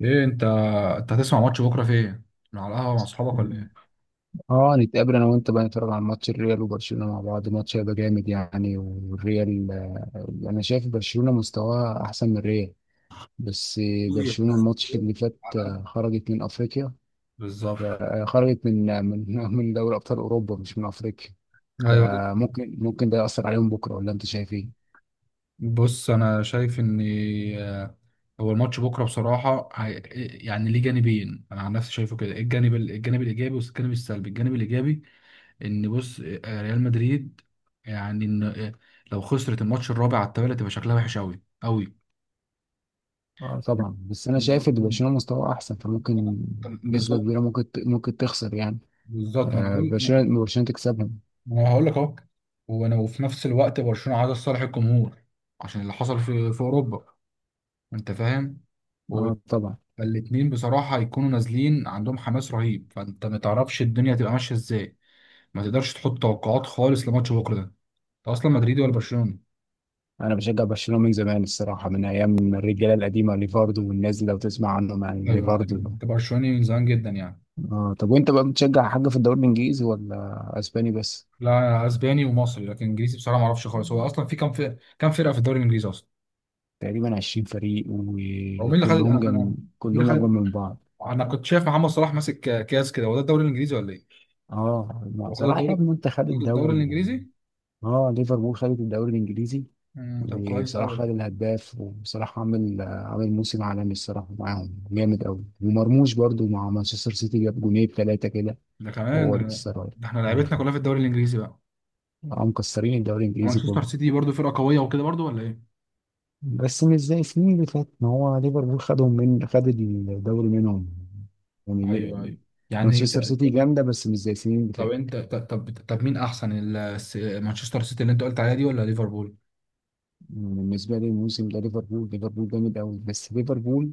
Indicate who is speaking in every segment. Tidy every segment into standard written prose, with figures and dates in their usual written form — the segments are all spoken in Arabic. Speaker 1: ايه انت هتسمع ماتش بكره فين؟ على القهوه مع اصحابك ولا ايه؟
Speaker 2: اه، نتقابل انا وانت بقى نتفرج على ماتش الريال وبرشلونه مع بعض. ماتش هيبقى جامد يعني، والريال انا شايف برشلونه مستواها احسن من الريال. بس برشلونه الماتش اللي فات
Speaker 1: على القهوة.
Speaker 2: خرجت من افريقيا.
Speaker 1: بالظبط.
Speaker 2: خرجت من من دوري ابطال اوروبا، مش من افريقيا.
Speaker 1: ايوه.
Speaker 2: فممكن ده ياثر عليهم بكره، ولا انت شايف ايه؟
Speaker 1: بص، انا شايف ان آه، هو الماتش بكره بصراحه يعني ليه جانبين. انا عن نفسي شايفه كده، الجانب الجانب الايجابي والجانب السلبي. الجانب الايجابي ان بص ريال مدريد، يعني ان لو خسرت الماتش الرابع على التوالي تبقى شكلها وحش قوي قوي.
Speaker 2: اه طبعا، بس انا شايف
Speaker 1: بالظبط.
Speaker 2: ان برشلونه مستواه احسن، فممكن نسبه كبيره ممكن تخسر يعني.
Speaker 1: بالظبط، ما انا هقول
Speaker 2: برشلونه تكسبهم.
Speaker 1: انا هقول لك اهو. وانا، وفي نفس الوقت، برشلونه عايزه لصالح الجمهور عشان اللي حصل في اوروبا، انت فاهم؟ و-
Speaker 2: اه طبعا،
Speaker 1: فالاتنين بصراحه هيكونوا نازلين عندهم حماس رهيب، فانت ما تعرفش الدنيا هتبقى ماشيه ازاي. ما تقدرش تحط توقعات خالص لماتش بكره. ده انت اصلا مدريدي ولا برشلوني؟
Speaker 2: انا بشجع برشلونه من زمان الصراحه، من ايام الرجاله القديمه ليفاردو، والناس اللي لو تسمع عنهم يعني
Speaker 1: ايوه،
Speaker 2: ليفاردو.
Speaker 1: انت برشلوني من زمان جدا يعني.
Speaker 2: اه، طب وانت بقى بتشجع حاجه في الدوري الانجليزي ولا اسباني بس؟
Speaker 1: لا، اسباني ومصري، لكن انجليزي بصراحه ما اعرفش خالص. هو اصلا في كام فرقه في الدوري الانجليزي اصلا؟
Speaker 2: تقريبا 20 فريق،
Speaker 1: هو مين اللي خد؟
Speaker 2: وكلهم
Speaker 1: مين اللي
Speaker 2: كلهم اجمل
Speaker 1: خد؟
Speaker 2: من بعض.
Speaker 1: انا كنت شايف محمد صلاح ماسك كاس كده، هو ده الدوري الانجليزي ولا ايه؟ هو خد
Speaker 2: صراحه يا
Speaker 1: الدوري.
Speaker 2: ابني انت خد
Speaker 1: خد الدوري
Speaker 2: الدوري يعني.
Speaker 1: الانجليزي.
Speaker 2: اه، ليفربول خدت الدوري الانجليزي.
Speaker 1: طب كويس قوي.
Speaker 2: وصراحه خد الهداف، وصراحه عامل موسم عالمي الصراحه، معاهم جامد قوي. ومرموش برضو مع مانشستر سيتي جاب جونين ثلاثه كده،
Speaker 1: ده كمان.
Speaker 2: هو لسه رايح.
Speaker 1: ده احنا
Speaker 2: مم.
Speaker 1: لعبتنا كلها في الدوري الانجليزي بقى. مم.
Speaker 2: مكسرين الدوري الانجليزي
Speaker 1: ومانشستر
Speaker 2: كله.
Speaker 1: سيتي برضو فرقه قويه وكده برضو، ولا ايه؟
Speaker 2: بس مش زي السنين اللي فاتت، ما هو ليفربول خدهم، من خد الدوري منهم يعني.
Speaker 1: ايوه، ايوه. يعني
Speaker 2: مانشستر
Speaker 1: ط-
Speaker 2: سيتي جامده، بس مش زي السنين اللي
Speaker 1: طب
Speaker 2: فاتت.
Speaker 1: انت طب مين احسن مانشستر سيتي اللي انت قلت عليها دي ولا ليفربول؟
Speaker 2: يعني بالنسبه لي الموسم ده ليفربول، ليفربول جامد قوي. بس ليفربول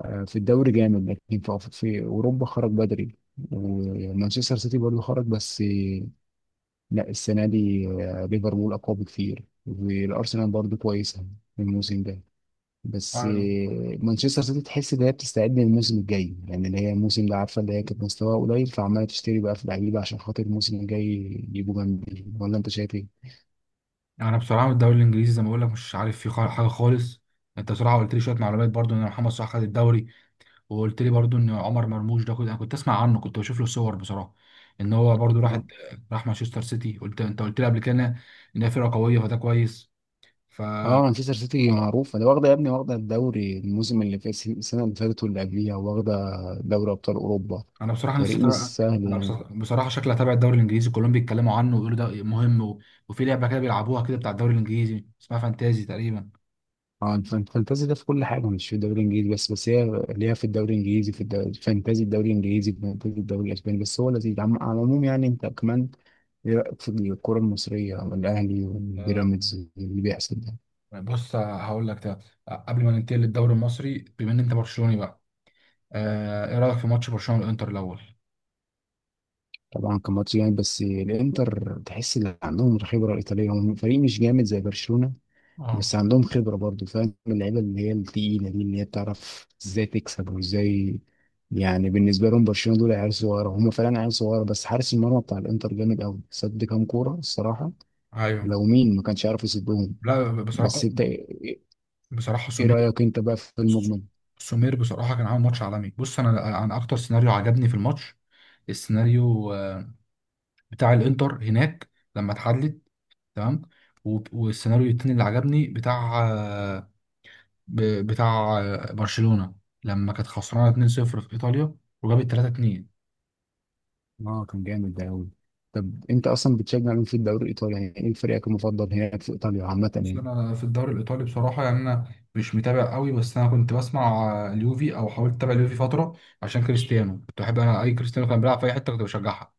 Speaker 2: في الدوري جامد، لكن في في اوروبا خرج بدري. ومانشستر سيتي برضه خرج، بس لا السنه دي ليفربول اقوى بكتير. والارسنال برضه كويسه الموسم ده. بس
Speaker 1: ايوه.
Speaker 2: مانشستر سيتي تحس ان هي بتستعد للموسم الجاي، يعني اللي هي الموسم ده عارفه اللي هي كانت مستواها قليل، فعماله تشتري بقى في لعيبه عشان خاطر الموسم الجاي يجيبوا جنبي، ولا انت شايف ايه؟
Speaker 1: انا بصراحه الدوري الانجليزي زي ما بقول لك مش عارف فيه حاجه خالص. انت بصراحه قلت لي شويه معلومات برضو ان محمد صلاح خد الدوري، وقلت لي برضو ان عمر مرموش ده كنت اسمع عنه، كنت بشوف له صور بصراحه، ان هو برضو راح
Speaker 2: اه.
Speaker 1: راح مانشستر سيتي. انت قلت لي قبل كده ان هي فرقه قويه، فده كويس. ف
Speaker 2: اه، مانشستر سيتي
Speaker 1: اه،
Speaker 2: معروفه، ده واخده يا ابني، واخده الدوري الموسم اللي فات، السنه اللي فاتت واللي قبليها، واخده دوري ابطال اوروبا.
Speaker 1: انا بصراحه نفسي
Speaker 2: فريق مش
Speaker 1: أتابع.
Speaker 2: سهل
Speaker 1: انا
Speaker 2: يعني.
Speaker 1: بصراحه شكلي هتابع الدوري الانجليزي، كلهم بيتكلموا عنه ويقولوا ده مهم. و... وفي لعبه كده بيلعبوها كده بتاع الدوري الانجليزي اسمها فانتازي تقريبا.
Speaker 2: اه، الفانتازي ده في كل حاجه، مش في الدوري الانجليزي بس. بس هي ليها في الدوري الانجليزي، في الدوري الفانتازي، الدوري الانجليزي الفانتازي، الدوري الاسباني. بس هو لذيذ على العموم يعني. انت كمان ايه رايك في الكره المصريه والاهلي
Speaker 1: آه،
Speaker 2: والبيراميدز اللي بيحصل ده؟
Speaker 1: بص هقول لك ده، قبل ما ننتقل للدوري المصري، بما ان انت برشلوني بقى، ايه رايك في ماتش برشلونه والانتر الاول؟
Speaker 2: طبعا كان ماتش جامد، بس الانتر تحس ان عندهم الخبره الايطاليه. هم فريق مش جامد زي برشلونه،
Speaker 1: اه.
Speaker 2: بس عندهم خبرة برضو، فاهم اللعيبة اللي هي التقيلة دي، اللي هي بتعرف ازاي تكسب وازاي. يعني بالنسبة لهم برشلونة دول عيال صغيرة، هم فعلا عيال صغيرة. بس حارس المرمى بتاع الانتر جامد قوي، صد كام كورة الصراحة،
Speaker 1: ايوه.
Speaker 2: لو مين ما كانش عارف يصدهم.
Speaker 1: لا،
Speaker 2: بس
Speaker 1: بصراحه.
Speaker 2: انت ايه
Speaker 1: بصراحة
Speaker 2: إيه
Speaker 1: سمير.
Speaker 2: رأيك انت بقى في المجمل؟
Speaker 1: بصراحة كان عامل ماتش عالمي. بص، أنا أكتر سيناريو عجبني في الماتش، السيناريو بتاع الإنتر هناك لما اتحدد، تمام. والسيناريو التاني اللي عجبني بتاع برشلونة لما كانت خسرانة 2-0 في إيطاليا وجابت 3-2.
Speaker 2: اه، كان جامد ده قوي. طب انت اصلا بتشجع مين في الدوري الايطالي يعني؟ ايه فريقك المفضل هناك في ايطاليا عامة
Speaker 1: بص،
Speaker 2: يعني؟
Speaker 1: أنا في الدوري الإيطالي بصراحة يعني أنا مش متابع قوي، بس أنا كنت بسمع اليوفي، أو حاولت أتابع اليوفي فترة عشان كريستيانو. كنت بحب أنا أي كريستيانو، كان بيلعب في أي حتة كنت بشجعها.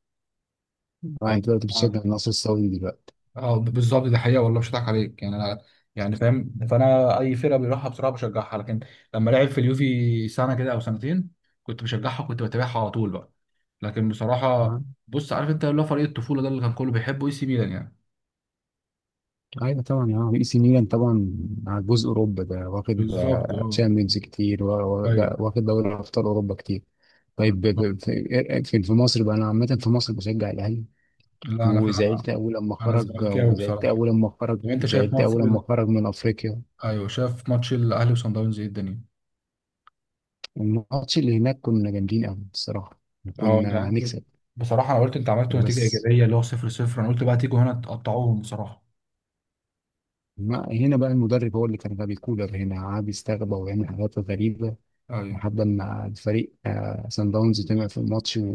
Speaker 2: اه، انت دلوقتي بتشجع
Speaker 1: فاهم؟
Speaker 2: النصر السعودي دلوقتي.
Speaker 1: اه، بالظبط، دي حقيقه والله، مش هضحك عليك، يعني انا يعني فاهم. فانا اي فرقه بيروحها بصراحه بشجعها، لكن لما لعب في اليوفي سنه كده او سنتين كنت بشجعها، كنت بتابعها على طول بقى. لكن بصراحه، بص عارف انت اللي هو فريق الطفوله ده اللي كان كله بيحبه، اي سي ميلان يعني.
Speaker 2: ايوه طبعا، اه اي سي ميلان طبعا. على جزء اوروبا ده واخد
Speaker 1: بالظبط، اه.
Speaker 2: تشامبيونز كتير،
Speaker 1: ايوه.
Speaker 2: ده واخد دوري ابطال اوروبا كتير. طيب
Speaker 1: بالظبط.
Speaker 2: في في مصر بقى، انا عامه في مصر بشجع الاهلي.
Speaker 1: لا، انا فعلا
Speaker 2: وزعلت اول لما
Speaker 1: انا
Speaker 2: خرج،
Speaker 1: زملكاوي بصراحه. طب انت شايف
Speaker 2: زعلت
Speaker 1: ماتش
Speaker 2: اول لما
Speaker 1: ال...
Speaker 2: خرج من افريقيا.
Speaker 1: ايوه، شايف ماتش الاهلي وصن داونز، ايه الدنيا؟
Speaker 2: الماتش اللي هناك كنا جامدين قوي الصراحه،
Speaker 1: اه،
Speaker 2: وكنا هنكسب
Speaker 1: بصراحه انا قلت انت عملت نتيجه
Speaker 2: وبس.
Speaker 1: ايجابيه اللي هو 0 0، انا قلت بقى تيجوا هنا تقطعوهم بصراحه.
Speaker 2: ما هنا بقى المدرب هو اللي كان غبي، كولر هنا قعد يستغبى ويعمل حاجات غريبه،
Speaker 1: ايوه.
Speaker 2: لحد ما الفريق سان داونز طمع في الماتش،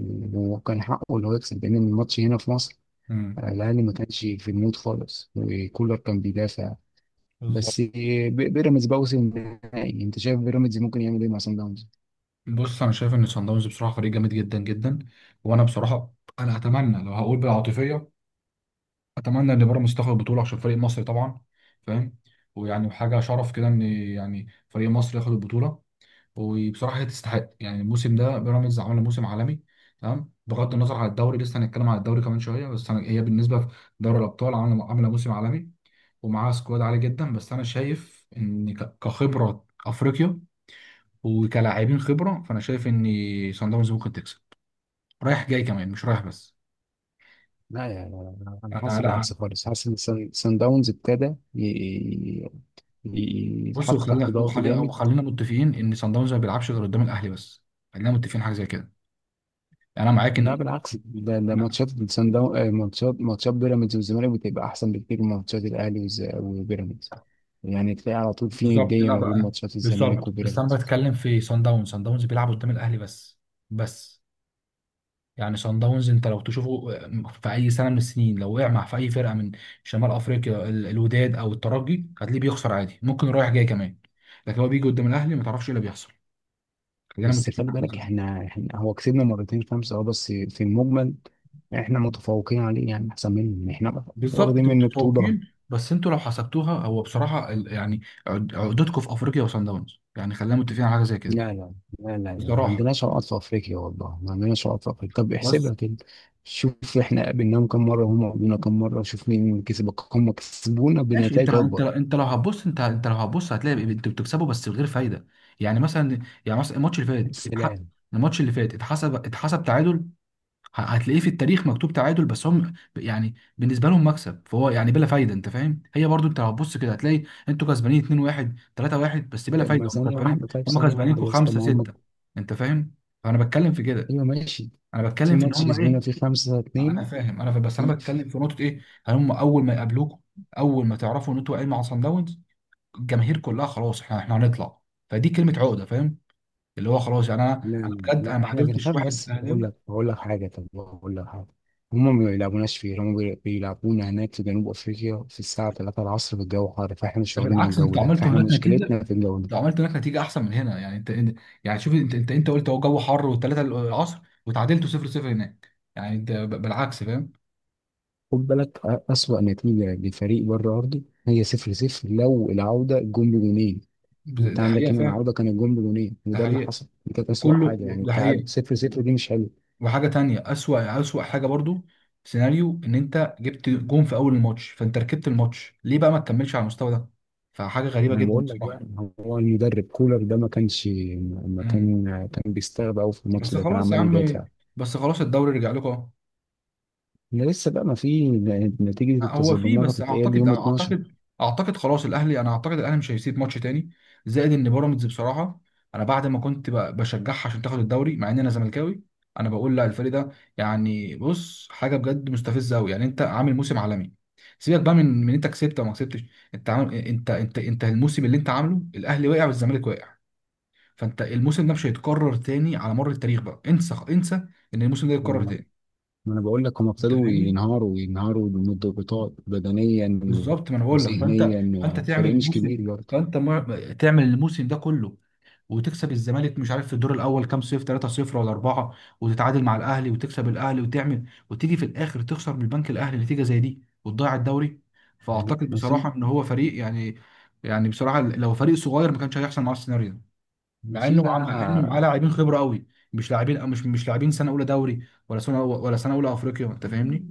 Speaker 2: وكان حقه اللي هو يكسب، لان الماتش هنا في مصر.
Speaker 1: مم.
Speaker 2: الاهلي ما كانش في المود خالص، وكولر كان بيدافع.
Speaker 1: بالظبط.
Speaker 2: بس بيراميدز بقى وصل النهائي، انت شايف بيراميدز ممكن يعمل ايه مع سان داونز؟
Speaker 1: بص، انا شايف ان صن داونز بصراحه فريق جامد جدا جدا. وانا بصراحه، انا اتمنى لو هقول بالعاطفيه، اتمنى ان بيراميدز تاخد البطوله عشان فريق مصري طبعا، فاهم؟ ويعني حاجه شرف كده ان يعني فريق مصر ياخد البطوله. وبصراحه هي تستحق، يعني الموسم ده بيراميدز عمل موسم عالمي. تمام، بغض النظر عن الدوري، لسه هنتكلم عن الدوري كمان شويه، بس انا هي بالنسبه في دوري الابطال عامله موسم عالمي، ومعاها سكواد عالي جدا. بس انا شايف ان كخبره افريقيا وكلاعبين خبره، فانا شايف ان صن داونز ممكن تكسب رايح جاي كمان، مش رايح بس.
Speaker 2: لا يا لا، لا، انا
Speaker 1: انا
Speaker 2: حاسس
Speaker 1: لا.
Speaker 2: بالعكس خالص، حاسس ان سان داونز ابتدى ي- ي-
Speaker 1: بص،
Speaker 2: يتحط تحت
Speaker 1: وخلينا
Speaker 2: ضغط
Speaker 1: وخلينا
Speaker 2: جامد.
Speaker 1: وخلينا متفقين ان صن داونز ما بيلعبش غير قدام الاهلي بس. خلينا متفقين حاجه زي كده. يعني انا معاك ان.
Speaker 2: لا بالعكس، ده
Speaker 1: أنا.
Speaker 2: ماتشات سان داونز، ماتشات بيراميدز والزمالك بتبقى احسن بكتير من ماتشات الاهلي وبيراميدز. يعني تلاقي على طول في
Speaker 1: بالظبط،
Speaker 2: ندية
Speaker 1: لا
Speaker 2: ما بين
Speaker 1: بقى.
Speaker 2: ماتشات الزمالك
Speaker 1: بالظبط، بس انا
Speaker 2: وبيراميدز.
Speaker 1: بتكلم في صن داونز. صن داونز بيلعب قدام الاهلي بس. بس. يعني صن داونز انت لو تشوفه في اي سنه من السنين، لو وقع مع في اي فرقه من شمال افريقيا، الوداد او الترجي، هتلاقيه بيخسر عادي، ممكن رايح جاي كمان. لكن هو بيجي قدام الاهلي ما تعرفش ايه اللي بيحصل. خلينا
Speaker 2: بس
Speaker 1: متفقين
Speaker 2: خلي
Speaker 1: على الجزء
Speaker 2: بالك،
Speaker 1: ده.
Speaker 2: احنا هو كسبنا مرتين خمسة اه، بس في المجمل احنا متفوقين عليه يعني، احسن منهم احنا،
Speaker 1: بالظبط،
Speaker 2: واخدين
Speaker 1: انتوا
Speaker 2: منه بطولة.
Speaker 1: متفوقين، بس انتوا لو حسبتوها هو بصراحه يعني عقدتكم في افريقيا وصن داونز، يعني خلينا متفقين على حاجه زي كده.
Speaker 2: لا، ما
Speaker 1: بصراحه بقى.
Speaker 2: عندناش عقد في افريقيا، والله ما عندناش عقد في افريقيا. طب
Speaker 1: بس.
Speaker 2: احسبها كده، شوف احنا قابلناهم كم مرة وهم قابلونا كم مرة، شوف مين كسب. هم كسبونا
Speaker 1: ماشي، انت
Speaker 2: بنتائج
Speaker 1: انت
Speaker 2: اكبر.
Speaker 1: انت لو هتبص انت انت لو هتبص هتلاقي انتوا بتكسبوا بس بغير فايده. يعني مثلا، الماتش اللي فات
Speaker 2: السلام.
Speaker 1: الماتش اللي فات اتحسب تعادل. هتلاقيه في التاريخ مكتوب تعادل، بس هم يعني بالنسبه لهم مكسب، فهو يعني بلا فايده، انت فاهم؟ هي برضو انت هتبص كده هتلاقي انتوا كسبانين 2 1 3 1 بس بلا
Speaker 2: لما
Speaker 1: فايده، هم
Speaker 2: ثانية
Speaker 1: كسبانين،
Speaker 2: واحدة، طيب
Speaker 1: هم
Speaker 2: ثانية واحدة
Speaker 1: كسبانينكم
Speaker 2: بس، طب
Speaker 1: 5
Speaker 2: ما هم.
Speaker 1: 6. انت فاهم؟ فانا بتكلم في كده.
Speaker 2: ايوه، ماشي.
Speaker 1: انا
Speaker 2: في
Speaker 1: بتكلم في ان
Speaker 2: ماتش
Speaker 1: هم
Speaker 2: كسبونا
Speaker 1: ايه.
Speaker 2: فيه خمسة
Speaker 1: انا
Speaker 2: اتنين.
Speaker 1: فاهم، انا فاهم. بس انا
Speaker 2: في
Speaker 1: بتكلم في نقطه، ايه؟ هل هم اول ما يقابلوكوا، اول ما تعرفوا ان انتوا واقعين مع صن داونز، الجماهير كلها خلاص، احنا هنطلع، فدي كلمه عقده، فاهم؟ اللي هو خلاص يعني انا. انا
Speaker 2: لا
Speaker 1: بجد انا
Speaker 2: لا
Speaker 1: ما
Speaker 2: احنا
Speaker 1: قابلتش
Speaker 2: بنخاف، بس
Speaker 1: واحد
Speaker 2: بقول
Speaker 1: اهلاوي.
Speaker 2: لك، بقول لك حاجه، طب بقول لك حاجه. هم ما بيلعبوناش فيه، هم بيلعبونا هناك في جنوب افريقيا في الساعه 3 العصر، في الجو حار، فاحنا مش
Speaker 1: ده
Speaker 2: واخدين على
Speaker 1: بالعكس،
Speaker 2: الجو
Speaker 1: انتوا
Speaker 2: ده،
Speaker 1: عملتوا
Speaker 2: فاحنا
Speaker 1: هناك نتيجه.
Speaker 2: مشكلتنا في الجو ده.
Speaker 1: لو عملت هناك نتيجه احسن من هنا، يعني يعني شوف، انت قلت هو جو حر والثلاثه العصر، وتعادلتوا 0 0 هناك. يعني انت بالعكس، فاهم؟
Speaker 2: خد بالك، اسوأ نتيجه لفريق بره ارضي هي 0 0، لو العوده جون بجونين. انت
Speaker 1: دي
Speaker 2: عندك
Speaker 1: حقيقه
Speaker 2: هنا
Speaker 1: فعلا.
Speaker 2: العوده كان الجون بجونين،
Speaker 1: ده
Speaker 2: وده اللي
Speaker 1: حقيقه.
Speaker 2: حصل. دي كانت اسوأ
Speaker 1: وكله
Speaker 2: حاجه، يعني
Speaker 1: ده
Speaker 2: التعادل
Speaker 1: حقيقه.
Speaker 2: 0
Speaker 1: و-
Speaker 2: 0 دي مش حلوه.
Speaker 1: وحاجه تانية، اسوأ حاجه برضو، سيناريو ان انت جبت جون في اول الماتش، فانت ركبت الماتش ليه بقى، ما تكملش على المستوى ده؟ فحاجه غريبه
Speaker 2: ما انا
Speaker 1: جدا
Speaker 2: بقول لك بقى،
Speaker 1: بصراحه.
Speaker 2: هو المدرب كولر ده ما كانش، ما
Speaker 1: مم.
Speaker 2: كان كان بيستغرب قوي في الماتش
Speaker 1: بس
Speaker 2: ده، كان
Speaker 1: خلاص يا
Speaker 2: عمال
Speaker 1: عم.
Speaker 2: يدافع.
Speaker 1: بس خلاص الدوري رجع لكم اهو.
Speaker 2: ده لسه بقى، ما في نتيجة
Speaker 1: هو فيه،
Speaker 2: التظلمات،
Speaker 1: بس
Speaker 2: هتتقال
Speaker 1: اعتقد
Speaker 2: يوم 12.
Speaker 1: اعتقد اعتقد خلاص الاهلي، انا اعتقد الاهلي مش هيسيب ماتش تاني. زائد ان بيراميدز بصراحه انا بعد ما كنت بشجعها عشان تاخد الدوري مع ان انا زملكاوي، انا بقول لا، الفريق ده، يعني بص، حاجه بجد مستفزه قوي يعني. انت عامل موسم عالمي، سيبك بقى من انت كسبت او ما كسبتش. انت الموسم اللي انت عامله، الاهلي وقع والزمالك وقع، فانت الموسم ده مش هيتكرر تاني على مر التاريخ بقى، انسى انسى ان الموسم ده يتكرر
Speaker 2: ما
Speaker 1: تاني.
Speaker 2: انا بقول لك، هم
Speaker 1: انت
Speaker 2: ابتدوا
Speaker 1: فاهمني؟
Speaker 2: ينهاروا، ينهاروا من الضغوطات بدنيا
Speaker 1: بالظبط، ما انا بقول لك، فانت انت
Speaker 2: وذهنيا.
Speaker 1: تعمل
Speaker 2: فريق مش
Speaker 1: الموسم،
Speaker 2: كبير برضه.
Speaker 1: فانت تعمل الموسم ده كله، وتكسب الزمالك، مش عارف في الدور الاول كام، صفر 3، صفر ولا 4، وتتعادل مع الاهلي وتكسب الاهلي وتعمل، وتيجي في الاخر تخسر من البنك الاهلي نتيجه زي دي وتضيع الدوري. فاعتقد
Speaker 2: وفي
Speaker 1: بصراحه ان هو فريق يعني، يعني بصراحه لو فريق صغير ما كانش هيحصل معاه السيناريو ده، مع
Speaker 2: وفي
Speaker 1: انه معاه
Speaker 2: بقى.
Speaker 1: لاعبين خبره قوي، مش لاعبين، مش مش لاعبين سنه اولى دوري، ولا سنه اولى افريقيا. انت فاهمني؟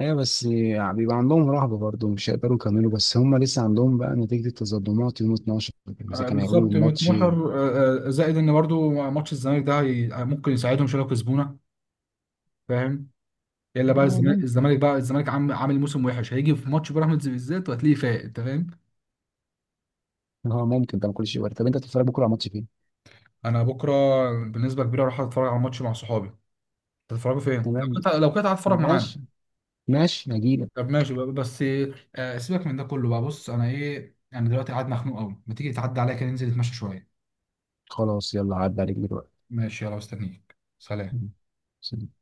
Speaker 2: ايوه بس يعني بيبقى عندهم رهبة برضه، مش هيقدروا يكملوا. بس هم لسه عندهم بقى نتيجة التظلمات يوم 12، اذا كانوا هيقولوا
Speaker 1: بالظبط،
Speaker 2: الماتش.
Speaker 1: متنحر. زائد ان برضو ماتش الزمالك ده ممكن يساعدهم شويه لو كسبونا، فاهم؟ الا بقى
Speaker 2: اه
Speaker 1: الزمالك
Speaker 2: ممكن،
Speaker 1: الزمالك بقى الزمالك عام- عامل موسم وحش، هيجي في ماتش بيراميدز بالذات وهتلاقيه فايق، انت فاهم؟
Speaker 2: اه ممكن ده، ما كل شيء وارد. طب انت هتتفرج بكره على ماتش فين؟
Speaker 1: انا بكره، بالنسبه كبيره اروح اتفرج على ماتش مع صحابي. هتتفرجوا فين، لو
Speaker 2: تمام،
Speaker 1: كنت هتفرج معانا؟
Speaker 2: ماشي. ماشي هجيلك.
Speaker 1: طب ماشي بقى بس، سيبك من ده كله بقى. بص انا ايه، انا دلوقتي قاعد مخنوق قوي، ما تيجي تعدي عليا كده ننزل نتمشى شويه؟
Speaker 2: خلاص يلا، عدى عليك دلوقتي.
Speaker 1: ماشي، يلا، مستنيك، سلام.
Speaker 2: مم. سلام.